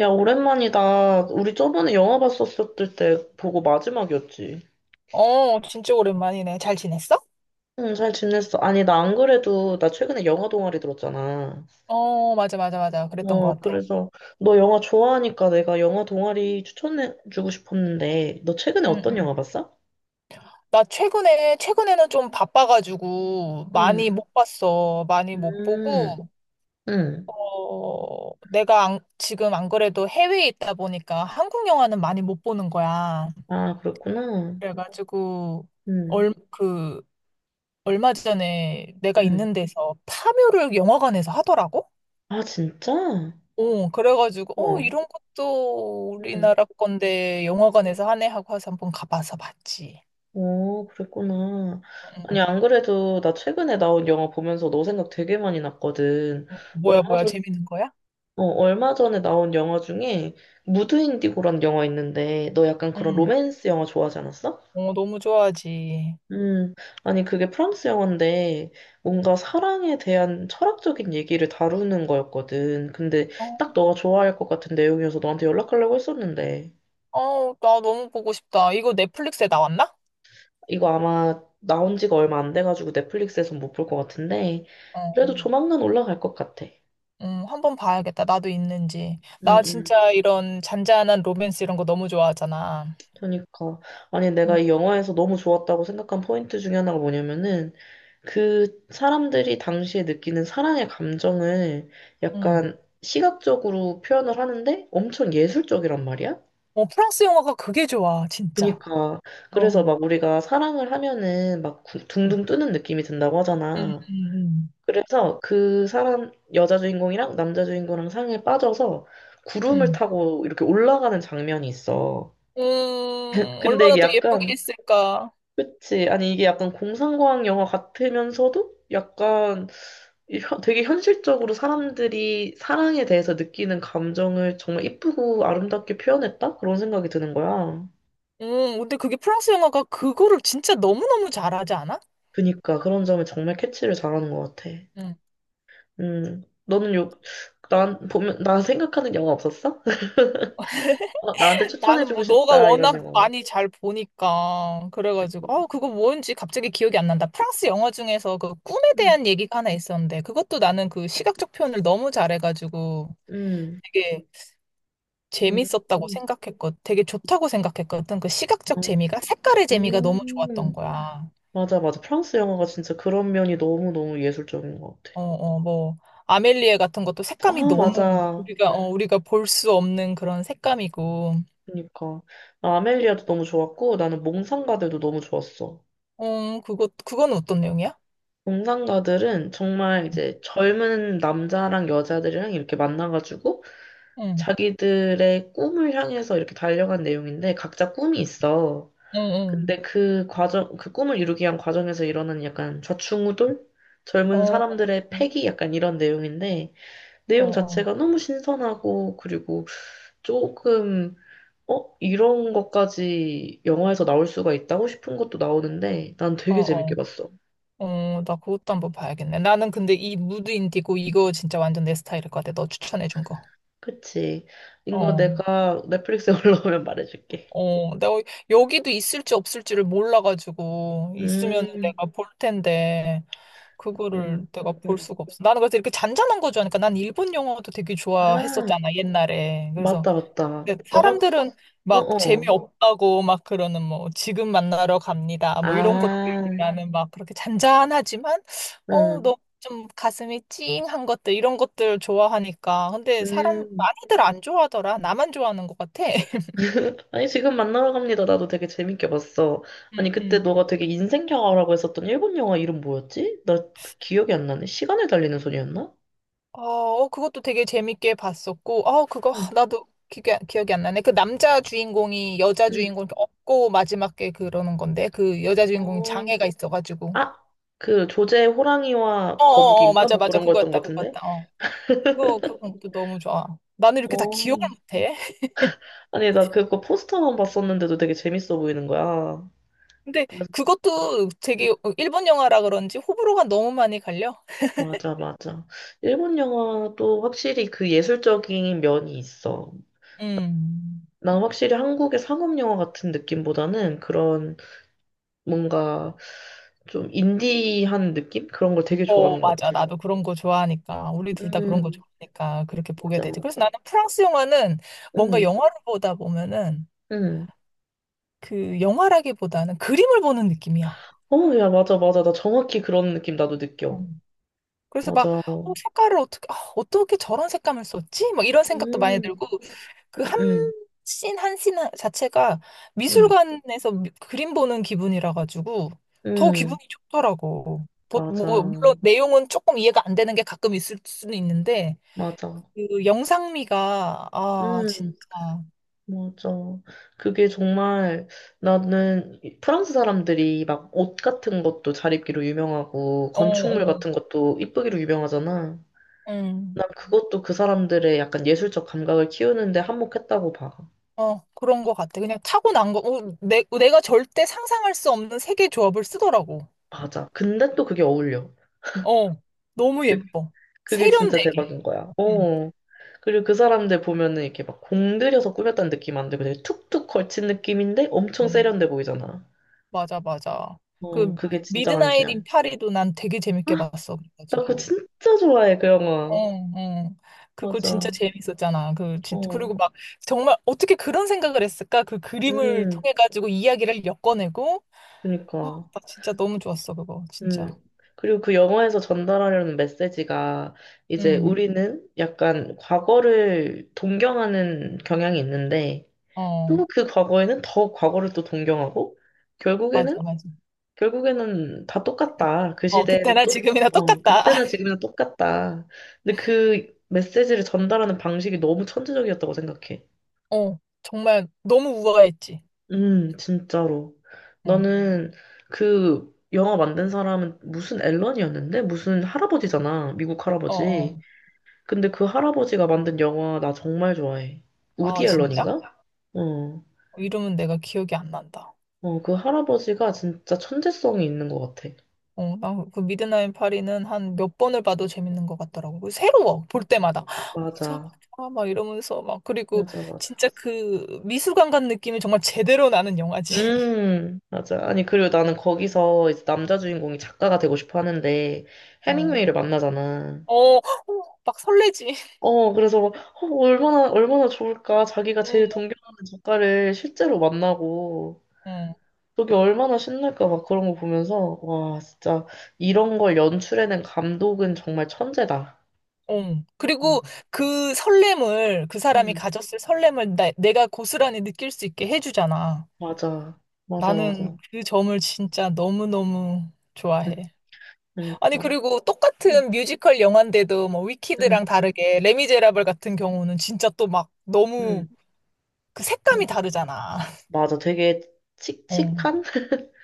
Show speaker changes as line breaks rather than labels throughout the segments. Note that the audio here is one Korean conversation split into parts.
야, 오랜만이다. 우리 저번에 영화 봤었을 때 보고 마지막이었지.
어, 진짜 오랜만이네. 잘 지냈어?
응, 잘 지냈어. 아니, 나 안 그래도 나 최근에 영화 동아리 들었잖아.
어, 맞아, 맞아, 맞아. 그랬던 것 같아.
그래서 너 영화 좋아하니까 내가 영화 동아리 추천해주고 싶었는데, 너 최근에
응,
어떤
응.
영화 봤어?
나 최근에는 좀 바빠가지고 많이
응,
못 봤어. 많이 못
음,
보고,
응.
내가 안- 지금 안 그래도 해외에 있다 보니까 한국 영화는 많이 못 보는 거야.
아, 그랬구나.
그래가지고,
응,
얼, 그, 얼마 전에 내가
응.
있는 데서 파묘를 영화관에서 하더라고?
아, 진짜?
그래가지고,
와.
이런 것도
응.
우리나라 건데 영화관에서 하네 하고 해서 한번 가봐서 봤지.
그랬구나.
응,
아니, 안 그래도 나 최근에 나온 영화 보면서 너 생각 되게 많이 났거든.
응. 어, 뭐야,
얼마
뭐야,
전,
재밌는 거야?
얼마 전에 나온 영화 중에 무드 인디고라는 영화 있는데 너 약간 그런
응.
로맨스 영화 좋아하지 않았어?
어, 너무 좋아하지.
음, 아니, 그게 프랑스 영화인데 뭔가 사랑에 대한 철학적인 얘기를 다루는 거였거든. 근데
어,
딱 너가 좋아할 것 같은 내용이어서 너한테 연락하려고 했었는데.
어, 나 너무 보고 싶다. 이거 넷플릭스에 나왔나?
이거 아마 나온 지가 얼마 안 돼가지고 넷플릭스에선 못 볼 것 같은데, 그래도
어,
조만간 올라갈 것 같아.
응, 한번 봐야겠다. 나도 있는지.
응,
나
응.
진짜 이런 잔잔한 로맨스 이런 거 너무 좋아하잖아.
그러니까. 아니, 내가
응,
이 영화에서 너무 좋았다고 생각한 포인트 중에 하나가 뭐냐면은, 그 사람들이 당시에 느끼는 사랑의 감정을
응.
약간 시각적으로 표현을 하는데 엄청 예술적이란 말이야?
어, 프랑스 영화가 그게 좋아, 진짜.
그니까. 그래서
어,
막 우리가 사랑을 하면은
응,
둥둥 뜨는 느낌이 든다고
응,
하잖아.
응.
그래서 그 사람, 여자 주인공이랑 남자 주인공이랑 상에 빠져서 구름을
응.
타고 이렇게 올라가는 장면이 있어.
음,
근데
얼마나
이게
더 예쁘게
약간,
했을까.
그치, 아니 이게 약간 공상과학 영화 같으면서도 약간 되게 현실적으로 사람들이 사랑에 대해서 느끼는 감정을 정말 이쁘고 아름답게 표현했다? 그런 생각이 드는 거야.
근데 그게 프랑스 영화가 그거를 진짜 너무너무 잘하지 않아?
그니까 그런 점에 정말 캐치를 잘하는 것 같아.
음.
음, 너는 요, 난 보면, 나 생각하는 영화 없었어? 나한테
나는
추천해주고
뭐 너가
싶다, 이런
워낙
영화.
많이 잘 보니까 그래가지고 아 그거 뭔지 갑자기 기억이 안 난다. 프랑스 영화 중에서 그 꿈에
음,
대한 얘기가 하나 있었는데 그것도 나는 그 시각적 표현을 너무 잘해가지고
음,
되게
음,
되게 좋다고 생각했거든. 그 시각적 재미가 색깔의 재미가 너무 좋았던
음.
거야.
맞아, 맞아. 프랑스 영화가 진짜 그런 면이 너무너무 예술적인 것 같아.
어, 어, 뭐, 아멜리에 같은 것도
아,
색감이 너무
맞아.
우리가 볼 수 없는 그런 색감이고,
그러니까. 아멜리아도 너무 좋았고, 나는 몽상가들도 너무 좋았어.
어, 그건 어떤 내용이야?
몽상가들은 정말 이제 젊은 남자랑 여자들이랑 이렇게 만나가지고,
응,
자기들의 꿈을 향해서 이렇게 달려간 내용인데, 각자 꿈이 있어.
응, 응.
근데 그 과정, 그 꿈을 이루기 위한 과정에서 일어나는 약간 좌충우돌?
어,
젊은
어,
사람들의 패기? 약간 이런 내용인데,
어,
내용
어,
자체가 너무 신선하고, 그리고 조금, 어? 이런 것까지 영화에서 나올 수가 있다고 싶은 것도 나오는데, 난
어,
되게 재밌게
어,
봤어.
어, 나 그것도 한번 봐야겠네. 나는 근데 이 무드 인디고 이거 진짜 완전 내 스타일일 것 같아. 너 추천해준 거.
그치. 이거
어,
내가 넷플릭스에 올라오면 말해줄게.
어, 내가 여기도 있을지 없을지를 몰라가지고, 있으면
음,
내가 볼 텐데, 그거를
음,
내가 볼
음.
수가 없어. 나는 그래서 이렇게 잔잔한 거 좋아하니까 난 일본 영화도 되게
아,
좋아했었잖아, 옛날에. 그래서
맞다, 맞다.
근데
너가,
사람들은 막
어어.
재미없다고 막 그러는 뭐 지금 만나러 갑니다. 뭐 이런 것들
아,
나는 막 그렇게 잔잔하지만
응,
너 좀 가슴이 찡한 것들 이런 것들 좋아하니까. 근데 사람
음.
많이들 안 좋아하더라. 나만 좋아하는 것 같아.
아니, 지금 만나러 갑니다. 나도 되게 재밌게 봤어.
음,
아니, 그때
음.
너가 되게 인생 영화라고 했었던 일본 영화 이름 뭐였지? 나그 기억이 안 나네. 시간을 달리는 소녀였나?
어, 어, 그것도 되게 재밌게 봤었고, 그거,
응,
나도 기 기억이 안 나네. 그 남자 주인공이 여자
응.
주인공 이렇게 업고 마지막에 그러는 건데, 그 여자 주인공이
어,
장애가 있어가지고.
아, 그 조제 호랑이와
어, 어, 어,
거북이인가?
맞아,
뭐
맞아.
그런 거였던
그거였다,
것 같은데?
그거였다. 어. 그건 도 너무 좋아. 나는 이렇게 다
어.
기억을 못해.
아니, 나 그거 포스터만 봤었는데도 되게 재밌어 보이는 거야.
근데
그래서,
그것도
응,
되게 일본 영화라 그런지 호불호가 너무 많이 갈려.
맞아, 맞아. 일본 영화도 확실히 그 예술적인 면이 있어.
음.
난 확실히 한국의 상업 영화 같은 느낌보다는 그런 뭔가 좀 인디한 느낌? 그런 걸 되게
어,
좋아하는 것
맞아.
같아.
나도 그런 거 좋아하니까. 우리 둘 다 그런 거
음,
좋아하니까 그렇게 보게
맞아,
되지. 그래서
맞아.
나는 프랑스 영화는 뭔가
음,
영화를 보다 보면은
음.
그 영화라기보다는 그림을 보는 느낌이야.
어, 야, 맞아, 맞아. 나 정확히 그런 느낌 나도 느껴.
음. 그래서 막,
맞아.
색깔을 어떻게 저런 색감을 썼지? 막 이런 생각도 많이
음,
들고, 그 한
음,
씬, 한 씬 자체가
음,
미술관에서 그림 보는 기분이라 가지고 더
음,
기분이 좋더라고.
맞아,
뭐, 물론 내용은 조금 이해가 안 되는 게 가끔 있을 수는 있는데,
맞아.
그 영상미가 아
음,
진짜
맞아. 그게 정말 프랑스 사람들이 막 옷 같은 것도 잘 입기로 유명하고
어
건축물
어.
같은 것도 이쁘기로 유명하잖아.
음.
난 그것도 그 사람들의 약간 예술적 감각을 키우는데 한몫했다고 봐.
어, 그런 것 같아. 그냥 타고난 거, 내가 절대 상상할 수 없는 세계 조합을 쓰더라고.
맞아. 근데 또 그게 어울려.
어, 너무
그,
예뻐.
그게 진짜
세련되게.
대박인 거야.
음.
어. 그리고 그
어,
사람들 보면은 이렇게 막 공들여서 꾸몄다는 느낌 안 들고 되게 툭툭 걸친 느낌인데 엄청
음,
세련돼 보이잖아.
맞아, 맞아.
어,
그,
그게 진짜
미드나잇
간지야.
인 파리도 난 되게 재밌게
아,
봤어.
나 그거
그래가지고.
진짜 좋아해, 그
어,
영화.
어. 그거 진짜
맞아.
재밌었잖아. 진짜.
어.
그리고 막, 정말 어떻게 그런 생각을 했을까? 그 그림을
음,
통해가지고 이야기를 엮어내고, 아,
그니까.
나 진짜 너무 좋았어, 그거. 진짜.
음. 그리고 그 영화에서 전달하려는 메시지가 이제
응.
우리는 약간 과거를 동경하는 경향이 있는데
어,
또 그 과거에는 더 과거를 또 동경하고 결국에는
맞아, 맞아.
결국에는 다 똑같다. 그
어,
시대에는
그때나
또
지금이나
어,
똑같다.
그때나 지금이나 똑같다. 근데 그 메시지를 전달하는 방식이 너무 천재적이었다고 생각해.
어, 정말 너무 우아했지.
진짜로.
응.
나는 그 영화 만든 사람은 무슨 앨런이었는데? 무슨 할아버지잖아. 미국
어,
할아버지. 어,
어.
근데 그 할아버지가 만든 영화 나 정말 좋아해.
아,
우디
진짜?
앨런인가? 어.
이름은 내가 기억이 안 난다.
어, 그 할아버지가 진짜 천재성이 있는 것 같아.
어, 나 그 미드나잇 파리는 한 몇 번을 봐도 재밌는 것 같더라고. 그 새로워, 볼 때마다. 맞아,
맞아.
맞아, 막 이러면서 막. 그리고
맞아, 맞아.
진짜 그 미술관 간 느낌이 정말 제대로 나는 영화지.
맞아. 아니, 그리고 나는 거기서 이제 남자 주인공이 작가가 되고 싶어 하는데,
어.
해밍웨이를 만나잖아.
어, 어, 막 설레지.
어, 그래서 막, 얼마나, 얼마나 좋을까. 자기가 제일
응,
동경하는 작가를 실제로 만나고,
응.
그게 얼마나 신날까. 막 그런 거 보면서, 와, 진짜, 이런 걸 연출해낸 감독은 정말 천재다.
어.
어.
그리고 그 설렘을, 그 사람이
음,
가졌을 설렘을 내가 고스란히 느낄 수 있게 해주잖아.
맞아. 맞아, 맞아.
나는 그 점을 진짜 너무너무 좋아해.
음,
아니,
그러니까.
그리고
음,
똑같은 뮤지컬 영화인데도 뭐 위키드랑
음,
다르게 레미제라블 같은 경우는 진짜 또 막
음.
너무 그
음.
색감이 다르잖아.
맞아. 되게
어.
칙칙한?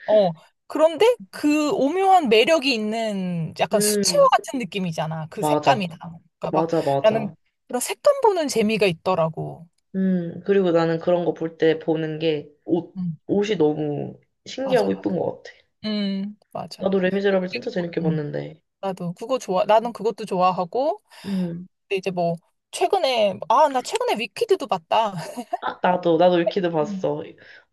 어. 그런데 그 오묘한 매력이 있는 약간 수채화
음,
같은 느낌이잖아. 그
맞아.
색감이 다. 그러니까 막
맞아,
나는
맞아.
그런 색감 보는 재미가 있더라고.
그리고 나는 그런 거 볼 때 보는 게, 옷,
음.
옷이 너무
맞아,
신기하고
맞아.
이쁜 것 같아.
맞아.
나도 레미제라블 진짜
미국에-
재밌게
음.
봤는데.
나도 그거 좋아. 나는 그것도 좋아하고,
음.
근데 이제 뭐, 나 최근에 위키드도 봤다.
아, 나도 위키드
음.
봤어.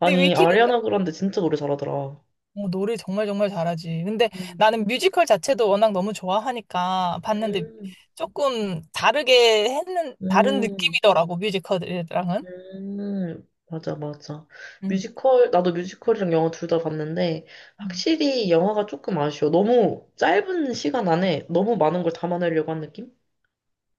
근데 위키드,
아리아나 그란데 진짜 노래 잘하더라.
노래 정말 정말 잘하지. 근데
음.
나는 뮤지컬 자체도 워낙 너무 좋아하니까 봤는데
음,
조금 다른
음,
느낌이더라고, 뮤지컬이랑은.
맞아, 맞아.
음.
뮤지컬, 나도 뮤지컬이랑 영화 둘 다 봤는데,
음.
확실히 영화가 조금 아쉬워. 너무 짧은 시간 안에 너무 많은 걸 담아내려고 한 느낌?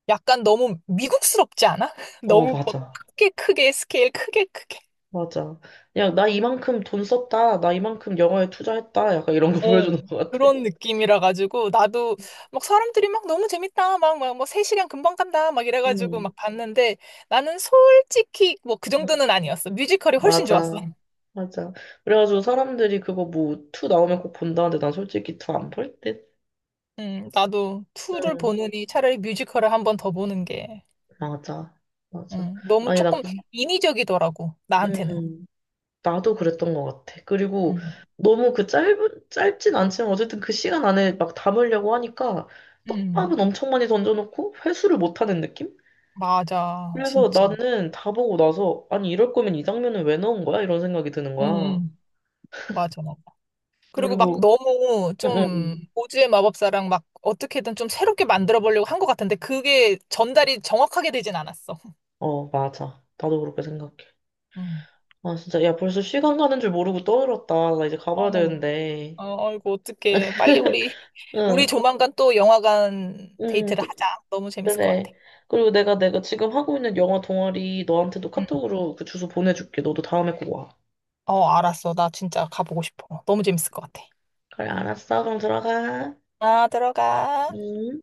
약간 너무 미국스럽지 않아?
어,
너무 막
맞아,
크게 크게 스케일 크게 크게
맞아. 야, 나 이만큼 돈 썼다. 나 이만큼 영화에 투자했다. 약간 이런 거 보여주는
어,
것 같아.
그런 느낌이라 가지고 나도 막 사람들이 막 너무 재밌다 막 뭐 3시간 금방 간다 막 이래 가지고
음.
막 봤는데 나는 솔직히 뭐 그
음.
정도는 아니었어. 뮤지컬이 훨씬 좋았어.
맞아. 맞아. 그래가지고 사람들이 그거 뭐, 투 나오면 꼭 본다는데 난 솔직히 투 안 볼 듯?
나도 투를
응,
보느니 차라리 뮤지컬을 한번 더 보는 게
맞아. 맞아.
너무
아니, 나, 그-
조금 인위적이더라고 나한테는.
음, 나도 그랬던 것 같아. 그리고
음,
너무 그 짧은, 짧진 않지만 어쨌든 그 시간 안에 막 담으려고 하니까
음,
떡밥은 엄청 많이 던져놓고 회수를 못하는 느낌?
맞아,
그래서
진짜.
나는 다 보고 나서, 아니, 이럴 거면 이 장면은 왜 넣은 거야? 이런 생각이 드는
음,
거야.
음, 맞아. 그리고 막
그리고,
너무
응, 응,
좀
응.
오즈의 마법사랑 막 어떻게든 좀 새롭게 만들어 보려고 한 것 같은데 그게 전달이 정확하게 되진 않았어.
어, 맞아. 나도 그렇게 생각해.
음.
아, 진짜. 야, 벌써 시간 가는 줄 모르고 떠들었다. 나 이제 가봐야
어머머.
되는데.
어, 아이고, 어떡해. 빨리 우리
응,
조만간 또 영화관
응,
데이트를
또-
하자. 너무 재밌을 것
그래.
같아.
그리고 내가 지금 하고 있는 영화 동아리 너한테도
응.
카톡으로 그 주소 보내줄게. 너도 다음에 꼭 와.
어, 알았어. 나 진짜 가보고 싶어. 너무 재밌을 것 같아.
그래, 알았어. 그럼 들어가.
아, 들어가.
응.